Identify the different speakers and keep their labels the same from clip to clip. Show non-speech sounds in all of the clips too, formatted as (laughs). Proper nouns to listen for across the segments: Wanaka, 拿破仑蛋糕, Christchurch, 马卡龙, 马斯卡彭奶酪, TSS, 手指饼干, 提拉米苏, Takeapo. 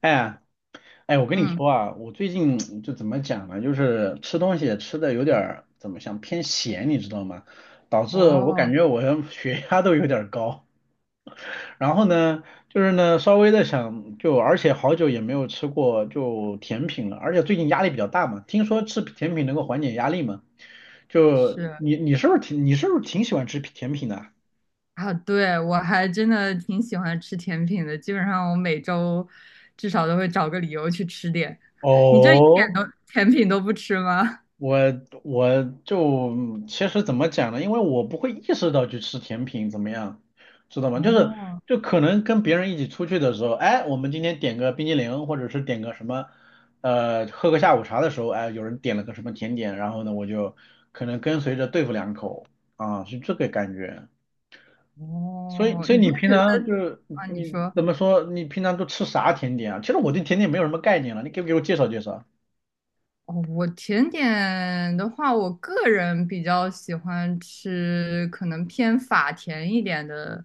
Speaker 1: 哎哎，我跟你
Speaker 2: 嗯。
Speaker 1: 说啊，我最近就怎么讲呢，就是吃东西也吃的有点儿怎么想偏咸，你知道吗？导致我感
Speaker 2: 哦，
Speaker 1: 觉我的血压都有点儿高。然后呢，就是呢稍微的想就，而且好久也没有吃过就甜品了，而且最近压力比较大嘛，听说吃甜品能够缓解压力嘛。就
Speaker 2: 是
Speaker 1: 你你是不是挺你是不是挺喜欢吃甜品的啊？
Speaker 2: 啊，对，我还真的挺喜欢吃甜品的，基本上我每周至少都会找个理由去吃点。你这一点
Speaker 1: 哦，
Speaker 2: 都甜品都不吃吗？
Speaker 1: 我我就其实怎么讲呢？因为我不会意识到去吃甜品怎么样，知道
Speaker 2: (laughs)
Speaker 1: 吗？就是
Speaker 2: 哦
Speaker 1: 就可能跟别人一起出去的时候，哎，我们今天点个冰激凌，或者是点个什么，喝个下午茶的时候，哎，有人点了个什么甜点，然后呢，我就可能跟随着对付两口啊，是这个感觉。所以
Speaker 2: 哦，
Speaker 1: 所以
Speaker 2: 你不
Speaker 1: 你
Speaker 2: 会
Speaker 1: 平
Speaker 2: 觉得
Speaker 1: 常就是
Speaker 2: 啊？你
Speaker 1: 你
Speaker 2: 说
Speaker 1: 怎么说？你平常都吃啥甜点啊？其实我对甜点没有什么概念了，你给不给我介绍介绍？
Speaker 2: 哦，我甜点的话，我个人比较喜欢吃可能偏法甜一点的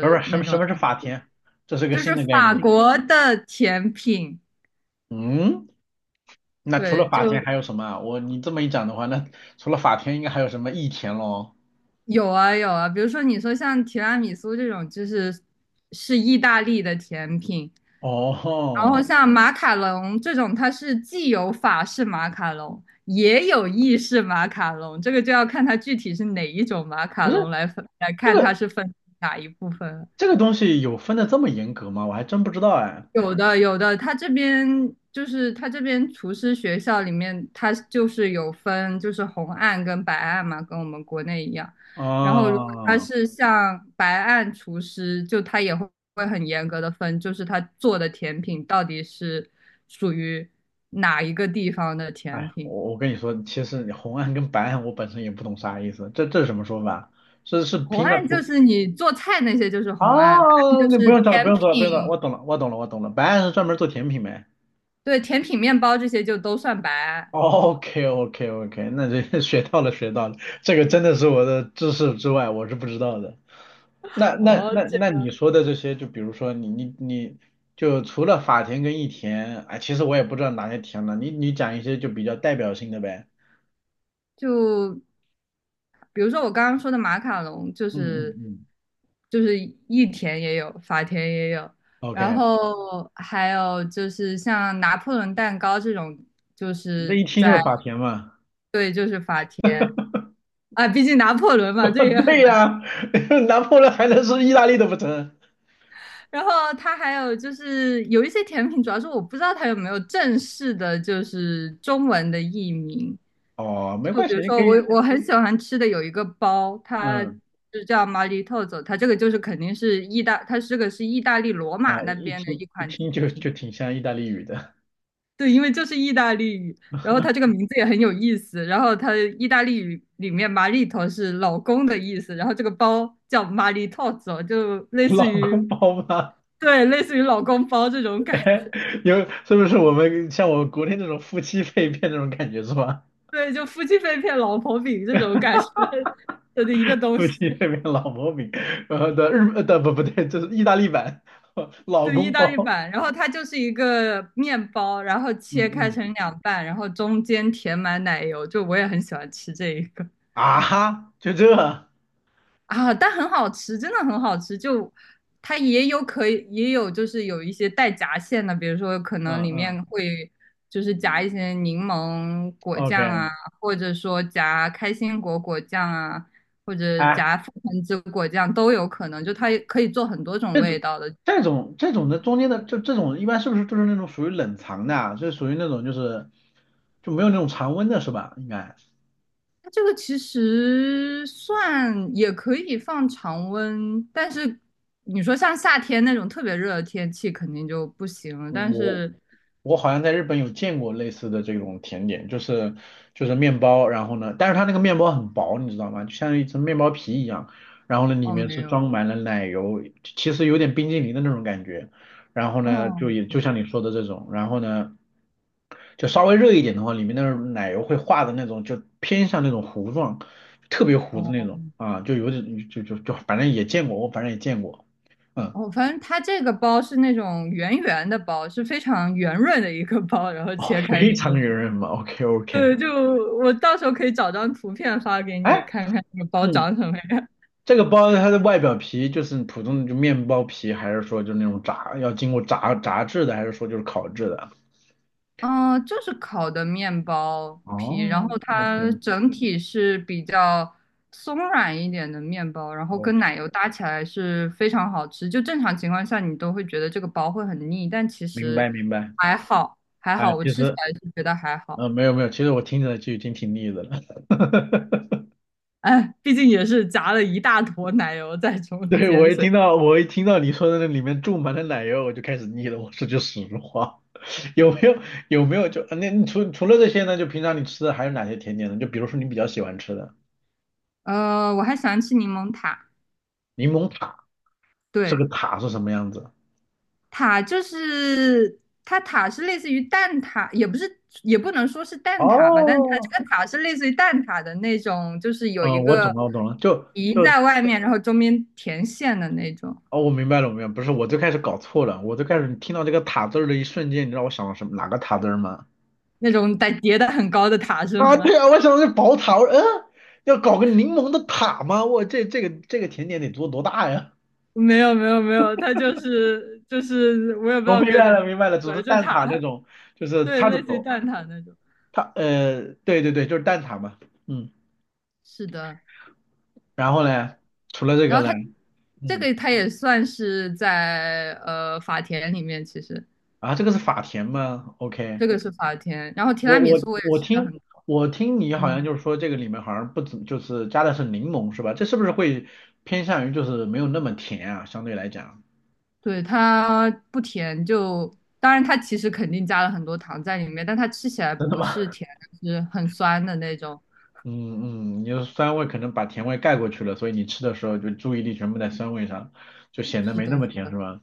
Speaker 1: 不是不是，什
Speaker 2: 那
Speaker 1: 么什
Speaker 2: 种，
Speaker 1: 么是法甜？这是个
Speaker 2: 就
Speaker 1: 新
Speaker 2: 是
Speaker 1: 的概
Speaker 2: 法
Speaker 1: 念。
Speaker 2: 国的甜品。
Speaker 1: 嗯，那除了
Speaker 2: 对，
Speaker 1: 法田
Speaker 2: 就
Speaker 1: 还有什么啊？你这么一讲的话，那除了法田应该还有什么益田咯？
Speaker 2: 有啊有啊，比如说你说像提拉米苏这种，就是意大利的甜品，然后
Speaker 1: 哦，
Speaker 2: 像马卡龙这种，它是既有法式马卡龙，也有意式马卡龙，这个就要看它具体是哪一种马卡
Speaker 1: 不是，
Speaker 2: 龙来分来
Speaker 1: 这
Speaker 2: 看
Speaker 1: 个
Speaker 2: 它是分哪一部分了。
Speaker 1: 这个东西有分的这么严格吗？我还真不知道哎。
Speaker 2: 有的有的，他这边厨师学校里面，他就是有分就是红案跟白案嘛，跟我们国内一样。然后如果他
Speaker 1: 哦，
Speaker 2: 是像白案厨师，就他也会很严格的分，就是他做的甜品到底是属于哪一个地方的甜
Speaker 1: 哎，
Speaker 2: 品。
Speaker 1: 我跟你说，其实你红案跟白案我本身也不懂啥意思，这是什么说法？是
Speaker 2: 红
Speaker 1: 拼的
Speaker 2: 案就
Speaker 1: 不
Speaker 2: 是你做菜那些就是
Speaker 1: 啊？
Speaker 2: 红案，白案就
Speaker 1: 那不
Speaker 2: 是
Speaker 1: 用找了，不
Speaker 2: 甜
Speaker 1: 用找了，不用找了，
Speaker 2: 品。
Speaker 1: 我懂了，我懂了，我懂了。白案是专门做甜品呗。
Speaker 2: 对，甜品面包这些就都算白
Speaker 1: (laughs)
Speaker 2: 案。
Speaker 1: OK OK OK，那就 (laughs) 学到了学到了，这个真的是我的知识之外，我是不知道的。那那
Speaker 2: 哦，
Speaker 1: 那那你说的这些，就比如说你就除了法田跟益田，哎，其实我也不知道哪些田了，你讲一些就比较代表性的呗。
Speaker 2: 就比如说我刚刚说的马卡龙，就
Speaker 1: 嗯嗯
Speaker 2: 是
Speaker 1: 嗯
Speaker 2: 就是意甜也有，法甜也有，然
Speaker 1: ，OK，
Speaker 2: 后还有就是像拿破仑蛋糕这种，就
Speaker 1: 那
Speaker 2: 是
Speaker 1: 一听就是
Speaker 2: 在
Speaker 1: 法田嘛。
Speaker 2: 对啊，毕竟拿破仑嘛，这
Speaker 1: (laughs)
Speaker 2: 也很
Speaker 1: 对
Speaker 2: 难。
Speaker 1: 呀。(laughs) 拿破仑还能是意大利的不成？
Speaker 2: 然后它还有就是有一些甜品，主要是我不知道它有没有正式的，就是中文的译名。
Speaker 1: 哦，没
Speaker 2: 就
Speaker 1: 关
Speaker 2: 比
Speaker 1: 系，
Speaker 2: 如
Speaker 1: 你可
Speaker 2: 说我
Speaker 1: 以，
Speaker 2: 我很喜欢吃的有一个包，它
Speaker 1: 嗯
Speaker 2: 就叫 m 里透 i， 它这个就是肯定是意大，它这个是意大利罗马
Speaker 1: 啊，
Speaker 2: 那
Speaker 1: 一
Speaker 2: 边的
Speaker 1: 听
Speaker 2: 一
Speaker 1: 一
Speaker 2: 款甜
Speaker 1: 听就
Speaker 2: 品。
Speaker 1: 就挺像意大利语的，
Speaker 2: 对，因为就是意大利语，然后它这个名字也很有意思。然后它意大利语里面 m 里头是老公的意思，然后这个包叫 m 里透 i， 就
Speaker 1: (laughs)
Speaker 2: 类似
Speaker 1: 老
Speaker 2: 于
Speaker 1: 公包吗？
Speaker 2: 对，类似于老公包这种感觉。
Speaker 1: (laughs) 是不是我们像我国内那种夫妻肺片那种感觉是吧？
Speaker 2: 对，就夫妻肺片、老婆饼这种感觉 (laughs) 的一个
Speaker 1: (laughs)
Speaker 2: 东
Speaker 1: 夫
Speaker 2: 西。
Speaker 1: 妻肺片老婆饼，呃的日呃，的不不对，这是意大利版 (laughs) 老
Speaker 2: 对，意
Speaker 1: 公
Speaker 2: 大利
Speaker 1: 包，
Speaker 2: 版，然后它就是一个面包，然后切
Speaker 1: 嗯
Speaker 2: 开
Speaker 1: 嗯，
Speaker 2: 成两半，然后中间填满奶油，就我也很喜欢吃这一个
Speaker 1: 啊哈，就这，
Speaker 2: 啊，但很好吃，真的很好吃。就它也有可以，也有就是有一些带夹馅的，比如说可能
Speaker 1: 嗯
Speaker 2: 里
Speaker 1: 嗯
Speaker 2: 面会就是夹一些柠檬果酱
Speaker 1: ，OK，
Speaker 2: 啊，或者说夹开心果果酱啊，或者
Speaker 1: 哎，
Speaker 2: 夹覆盆子果酱都有可能，就它也可以做很多种
Speaker 1: 这
Speaker 2: 味
Speaker 1: 种
Speaker 2: 道的。
Speaker 1: 这种的中间的这种一般是不是就是那种属于冷藏的啊？是属于那种就是没有那种常温的是吧？应该，
Speaker 2: 它这个其实算也可以放常温，但是你说像夏天那种特别热的天气肯定就不行了。但
Speaker 1: 我
Speaker 2: 是
Speaker 1: 我好像在日本有见过类似的这种甜点，就是面包，然后呢，但是它那个面包很薄，你知道吗？就像一层面包皮一样，然后呢，里
Speaker 2: 哦，
Speaker 1: 面
Speaker 2: 没
Speaker 1: 是装
Speaker 2: 有。
Speaker 1: 满了奶油，其实有点冰激凌的那种感觉。然后呢，就
Speaker 2: 哦，
Speaker 1: 也就像
Speaker 2: 对。
Speaker 1: 你说的这种，然后呢，就稍微热一点的话，里面的奶油会化的那种，就偏向那种糊状，特别糊的那
Speaker 2: 哦
Speaker 1: 种啊，就有点就就就反正也见过，我反正也见过，嗯，
Speaker 2: 哦，反正它这个包是那种圆圆的包，是非常圆润的一个包，然后
Speaker 1: 哦，
Speaker 2: 切
Speaker 1: (laughs)
Speaker 2: 开
Speaker 1: 非
Speaker 2: 里面，
Speaker 1: 常圆润嘛，OK OK，
Speaker 2: 对，就我到时候可以找张图片发给你
Speaker 1: 哎。
Speaker 2: 看看那个包
Speaker 1: 嗯。
Speaker 2: 长什么样。
Speaker 1: 这个包它的外表皮就是普通的就面包皮，还是说就那种炸，要经过炸制的，还是说就是烤制的？
Speaker 2: 嗯，就是烤的面包皮，然
Speaker 1: 哦
Speaker 2: 后它
Speaker 1: ，OK，
Speaker 2: 整体是比较松软一点的面包，然后跟
Speaker 1: OK，
Speaker 2: 奶油搭起来是非常好吃。就正常情况下，你都会觉得这个包会很腻，但其
Speaker 1: 明白
Speaker 2: 实
Speaker 1: 明白。
Speaker 2: 还好，还
Speaker 1: 啊，
Speaker 2: 好，我
Speaker 1: 其
Speaker 2: 吃起
Speaker 1: 实，
Speaker 2: 来是觉得还好。
Speaker 1: 嗯，没有没有，其实我听起来就已经挺腻的了。(laughs)
Speaker 2: 哎，毕竟也是夹了一大坨奶油在中
Speaker 1: 对，我
Speaker 2: 间，
Speaker 1: 一
Speaker 2: 所以
Speaker 1: 听到我一听到你说的那里面注满了奶油，我就开始腻了。我说句实话，(laughs) 有没有有没有那你除了这些呢？就平常你吃的还有哪些甜点呢？就比如说你比较喜欢吃的
Speaker 2: 我还喜欢吃柠檬塔。
Speaker 1: 柠檬塔，这
Speaker 2: 对，
Speaker 1: 个塔是什么样子？
Speaker 2: 塔就是它塔是类似于蛋挞，也不是也不能说是蛋挞吧，但是它
Speaker 1: 哦，
Speaker 2: 这个塔是类似于蛋挞的那种，就是有
Speaker 1: 嗯，
Speaker 2: 一
Speaker 1: 我懂
Speaker 2: 个
Speaker 1: 了，我懂了，
Speaker 2: 皮
Speaker 1: 就
Speaker 2: 在外面，然后中间填馅的那种，
Speaker 1: 哦，我明白了，我明白了不是，我最开始搞错了，我最开始听到这个塔字儿的一瞬间，你知道我想到什么哪个塔字儿吗？
Speaker 2: 那种得叠的很高的塔是
Speaker 1: 啊，
Speaker 2: 吗？
Speaker 1: 对啊，
Speaker 2: (laughs)
Speaker 1: 我想到是宝塔，我说嗯。要搞个柠檬的塔吗？我这这个这个甜点得做多大呀？
Speaker 2: 没有没有没有，它就是我也
Speaker 1: (laughs)
Speaker 2: 不知
Speaker 1: 我
Speaker 2: 道
Speaker 1: 明
Speaker 2: 该
Speaker 1: 白
Speaker 2: 怎么
Speaker 1: 了，明白了，只是
Speaker 2: 说，就
Speaker 1: 蛋挞
Speaker 2: 塔，
Speaker 1: 那种，就是
Speaker 2: 对，
Speaker 1: 塔鲁
Speaker 2: 类似于
Speaker 1: 朵，
Speaker 2: 蛋挞那种。
Speaker 1: 它对对对，就是蛋挞嘛，嗯，
Speaker 2: 是的，
Speaker 1: 然后呢，除了这
Speaker 2: 然
Speaker 1: 个
Speaker 2: 后
Speaker 1: 呢，
Speaker 2: 它这
Speaker 1: 嗯，
Speaker 2: 个它也算是在法田里面，其实。
Speaker 1: 啊，这个是法甜吗？OK，
Speaker 2: 这个是法甜，然后提拉
Speaker 1: 我
Speaker 2: 米
Speaker 1: 我
Speaker 2: 苏我也
Speaker 1: 我
Speaker 2: 吃的很
Speaker 1: 听
Speaker 2: 多，
Speaker 1: 我听你好像
Speaker 2: 嗯，
Speaker 1: 就是说这个里面好像不怎就是加的是柠檬是吧？这是不是会偏向于就是没有那么甜啊？相对来讲，
Speaker 2: 对，它不甜就，当然它其实肯定加了很多糖在里面，但它吃起来
Speaker 1: 真的
Speaker 2: 不
Speaker 1: 吗？
Speaker 2: 是甜，是很酸的那种。
Speaker 1: (laughs) 嗯嗯，你的酸味可能把甜味盖过去了，所以你吃的时候就注意力全部在酸味上，就显得
Speaker 2: 是
Speaker 1: 没那
Speaker 2: 的，
Speaker 1: 么
Speaker 2: 是
Speaker 1: 甜
Speaker 2: 的，
Speaker 1: 是吧？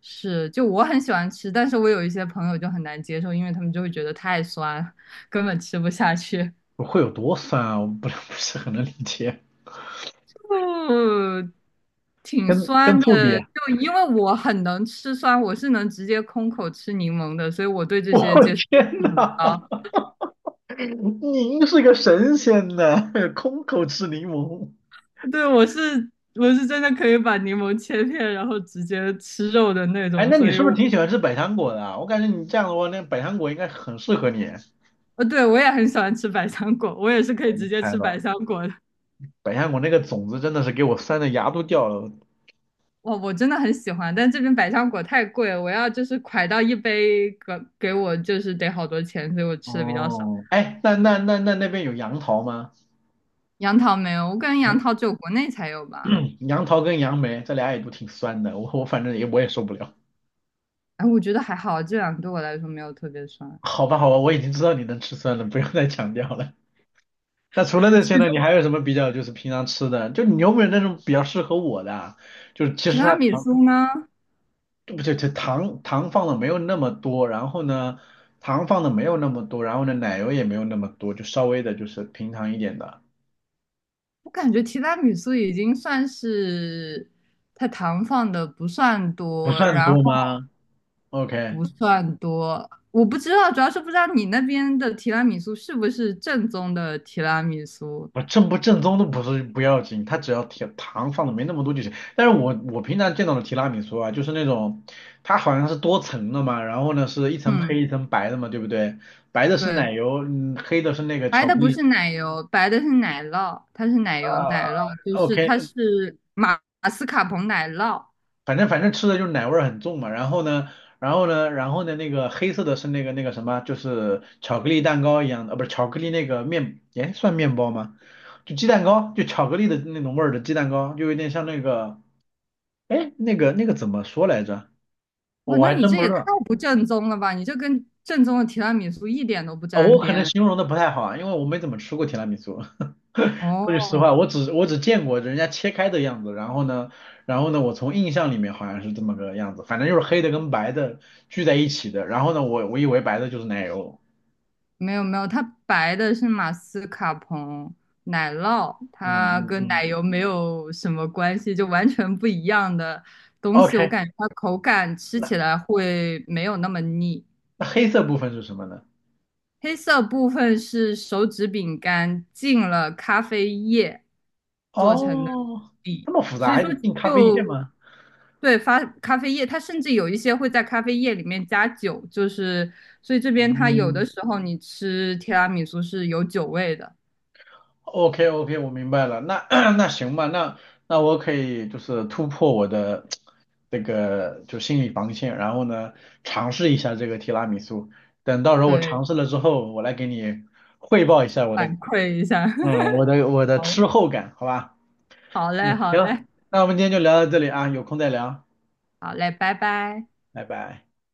Speaker 2: 是，就我很喜欢吃，但是我有一些朋友就很难接受，因为他们就会觉得太酸，根本吃不下去。
Speaker 1: 会有多酸啊？我不 (laughs) 不是很能理解，
Speaker 2: (laughs) 嗯，挺
Speaker 1: 跟
Speaker 2: 酸
Speaker 1: 醋比
Speaker 2: 的，
Speaker 1: (laughs)，
Speaker 2: 就因为我很能吃酸，我是能直接空口吃柠檬的，所以我对这
Speaker 1: 我
Speaker 2: 些接受度
Speaker 1: 天
Speaker 2: 很
Speaker 1: 呐，
Speaker 2: 高。
Speaker 1: (laughs) 您是个神仙呢，空口吃柠檬。
Speaker 2: 对，我是真的可以把柠檬切片，然后直接吃肉的那
Speaker 1: 哎，
Speaker 2: 种，
Speaker 1: 那你
Speaker 2: 所以
Speaker 1: 是不
Speaker 2: 我，
Speaker 1: 是挺喜欢吃百香果的啊？我感觉你这样的话，那百香果应该很适合你。
Speaker 2: 呃，对，我也很喜欢吃百香果，我也是可
Speaker 1: 我
Speaker 2: 以直
Speaker 1: 能
Speaker 2: 接
Speaker 1: 猜
Speaker 2: 吃百
Speaker 1: 到，
Speaker 2: 香果的。
Speaker 1: 百香果那个种子真的是给我酸的牙都掉了。
Speaker 2: 哇，我真的很喜欢，但这边百香果太贵了，我要就是蒯到一杯给给我就是得好多钱，所以我吃的比较少。
Speaker 1: 哦，哎，那那边有杨桃吗？
Speaker 2: 杨桃没有，我感觉杨
Speaker 1: 杨
Speaker 2: 桃只有国内才有吧。
Speaker 1: 杨桃跟杨梅这俩也都挺酸的，我反正也我也受不了。
Speaker 2: 哎，我觉得还好，这两个对我来说没有特别酸。
Speaker 1: 好吧好吧，我已经知道你能吃酸了，不用再强调了。那除了这些呢，你还有什么比较就是平常吃的？就你有没有那种比较适合我的啊？就是其
Speaker 2: 提
Speaker 1: 实
Speaker 2: 拉
Speaker 1: 它
Speaker 2: 米苏呢？
Speaker 1: 对不对？这糖放的没有那么多，然后呢，糖放的没有那么多，然后呢，奶油也没有那么多，就稍微的就是平常一点的，
Speaker 2: 我感觉提拉米苏已经算是它糖放的不算
Speaker 1: 不
Speaker 2: 多，
Speaker 1: 算
Speaker 2: 然
Speaker 1: 多
Speaker 2: 后
Speaker 1: 吗？OK，
Speaker 2: 不算多，我不知道，主要是不知道你那边的提拉米苏是不是正宗的提拉米苏。
Speaker 1: 我正不正宗都不是不要紧，它只要甜糖放的没那么多就行。但是我平常见到的提拉米苏啊，就是那种它好像是多层的嘛，然后呢是一层黑
Speaker 2: 嗯，
Speaker 1: 一层白的嘛，对不对？白的是
Speaker 2: 对，
Speaker 1: 奶油，嗯，黑的是那个
Speaker 2: 白
Speaker 1: 巧
Speaker 2: 的
Speaker 1: 克
Speaker 2: 不
Speaker 1: 力，
Speaker 2: 是奶油，白的是奶酪，它是奶油奶酪，就
Speaker 1: 啊，o
Speaker 2: 是它
Speaker 1: k，
Speaker 2: 是马斯卡彭奶酪。
Speaker 1: 反正吃的就是奶味儿很重嘛。然后呢，然后呢，然后呢，那个黑色的是那个那个什么，就是巧克力蛋糕一样的，不是巧克力那个面，哎，算面包吗？就鸡蛋糕，就巧克力的那种味儿的鸡蛋糕，就有点像那个，哎，那个那个怎么说来着？
Speaker 2: 哇，
Speaker 1: 我
Speaker 2: 那
Speaker 1: 还
Speaker 2: 你
Speaker 1: 真
Speaker 2: 这
Speaker 1: 不知
Speaker 2: 也太
Speaker 1: 道。
Speaker 2: 不正宗了吧？你这跟正宗的提拉米苏一点都不
Speaker 1: 哦，
Speaker 2: 沾
Speaker 1: 我可能
Speaker 2: 边。
Speaker 1: 形容的不太好啊，因为我没怎么吃过提拉米苏。(laughs) 说句实
Speaker 2: 哦，
Speaker 1: 话，我只见过人家切开的样子，然后呢，然后呢，我从印象里面好像是这么个样子，反正就是黑的跟白的聚在一起的。然后呢，我以为白的就是奶油。
Speaker 2: 没有没有，它白的是马斯卡彭奶酪，它
Speaker 1: 嗯嗯
Speaker 2: 跟
Speaker 1: 嗯
Speaker 2: 奶油没有什么关系，就完全不一样的东西。我
Speaker 1: ，OK，
Speaker 2: 感觉它口感吃
Speaker 1: 那
Speaker 2: 起来会没有那么腻。
Speaker 1: 那黑色部分是什么呢？
Speaker 2: 黑色部分是手指饼干浸了咖啡液做成的
Speaker 1: 哦，
Speaker 2: 底，
Speaker 1: 这么复杂，
Speaker 2: 所以
Speaker 1: 还
Speaker 2: 说
Speaker 1: 得进咖啡店
Speaker 2: 就
Speaker 1: 吗？
Speaker 2: 对发咖啡液，它甚至有一些会在咖啡液里面加酒，就是所以这边它有的
Speaker 1: 嗯。
Speaker 2: 时候你吃提拉米苏是有酒味的，
Speaker 1: OK OK，我明白了。那 (clears throat) 那行吧，那我可以就是突破我的这个就心理防线，然后呢尝试一下这个提拉米苏。等到时候我
Speaker 2: 对，
Speaker 1: 尝试了之后，我来给你汇报一下我的
Speaker 2: 反馈一下，
Speaker 1: 嗯我的我
Speaker 2: (laughs)
Speaker 1: 的
Speaker 2: 好嘞，
Speaker 1: 吃后感，好吧？
Speaker 2: 好嘞，
Speaker 1: 嗯，
Speaker 2: 好
Speaker 1: 行，
Speaker 2: 嘞，
Speaker 1: 那我们今天就聊到这里啊，有空再聊，
Speaker 2: 好嘞，拜拜。
Speaker 1: 拜拜。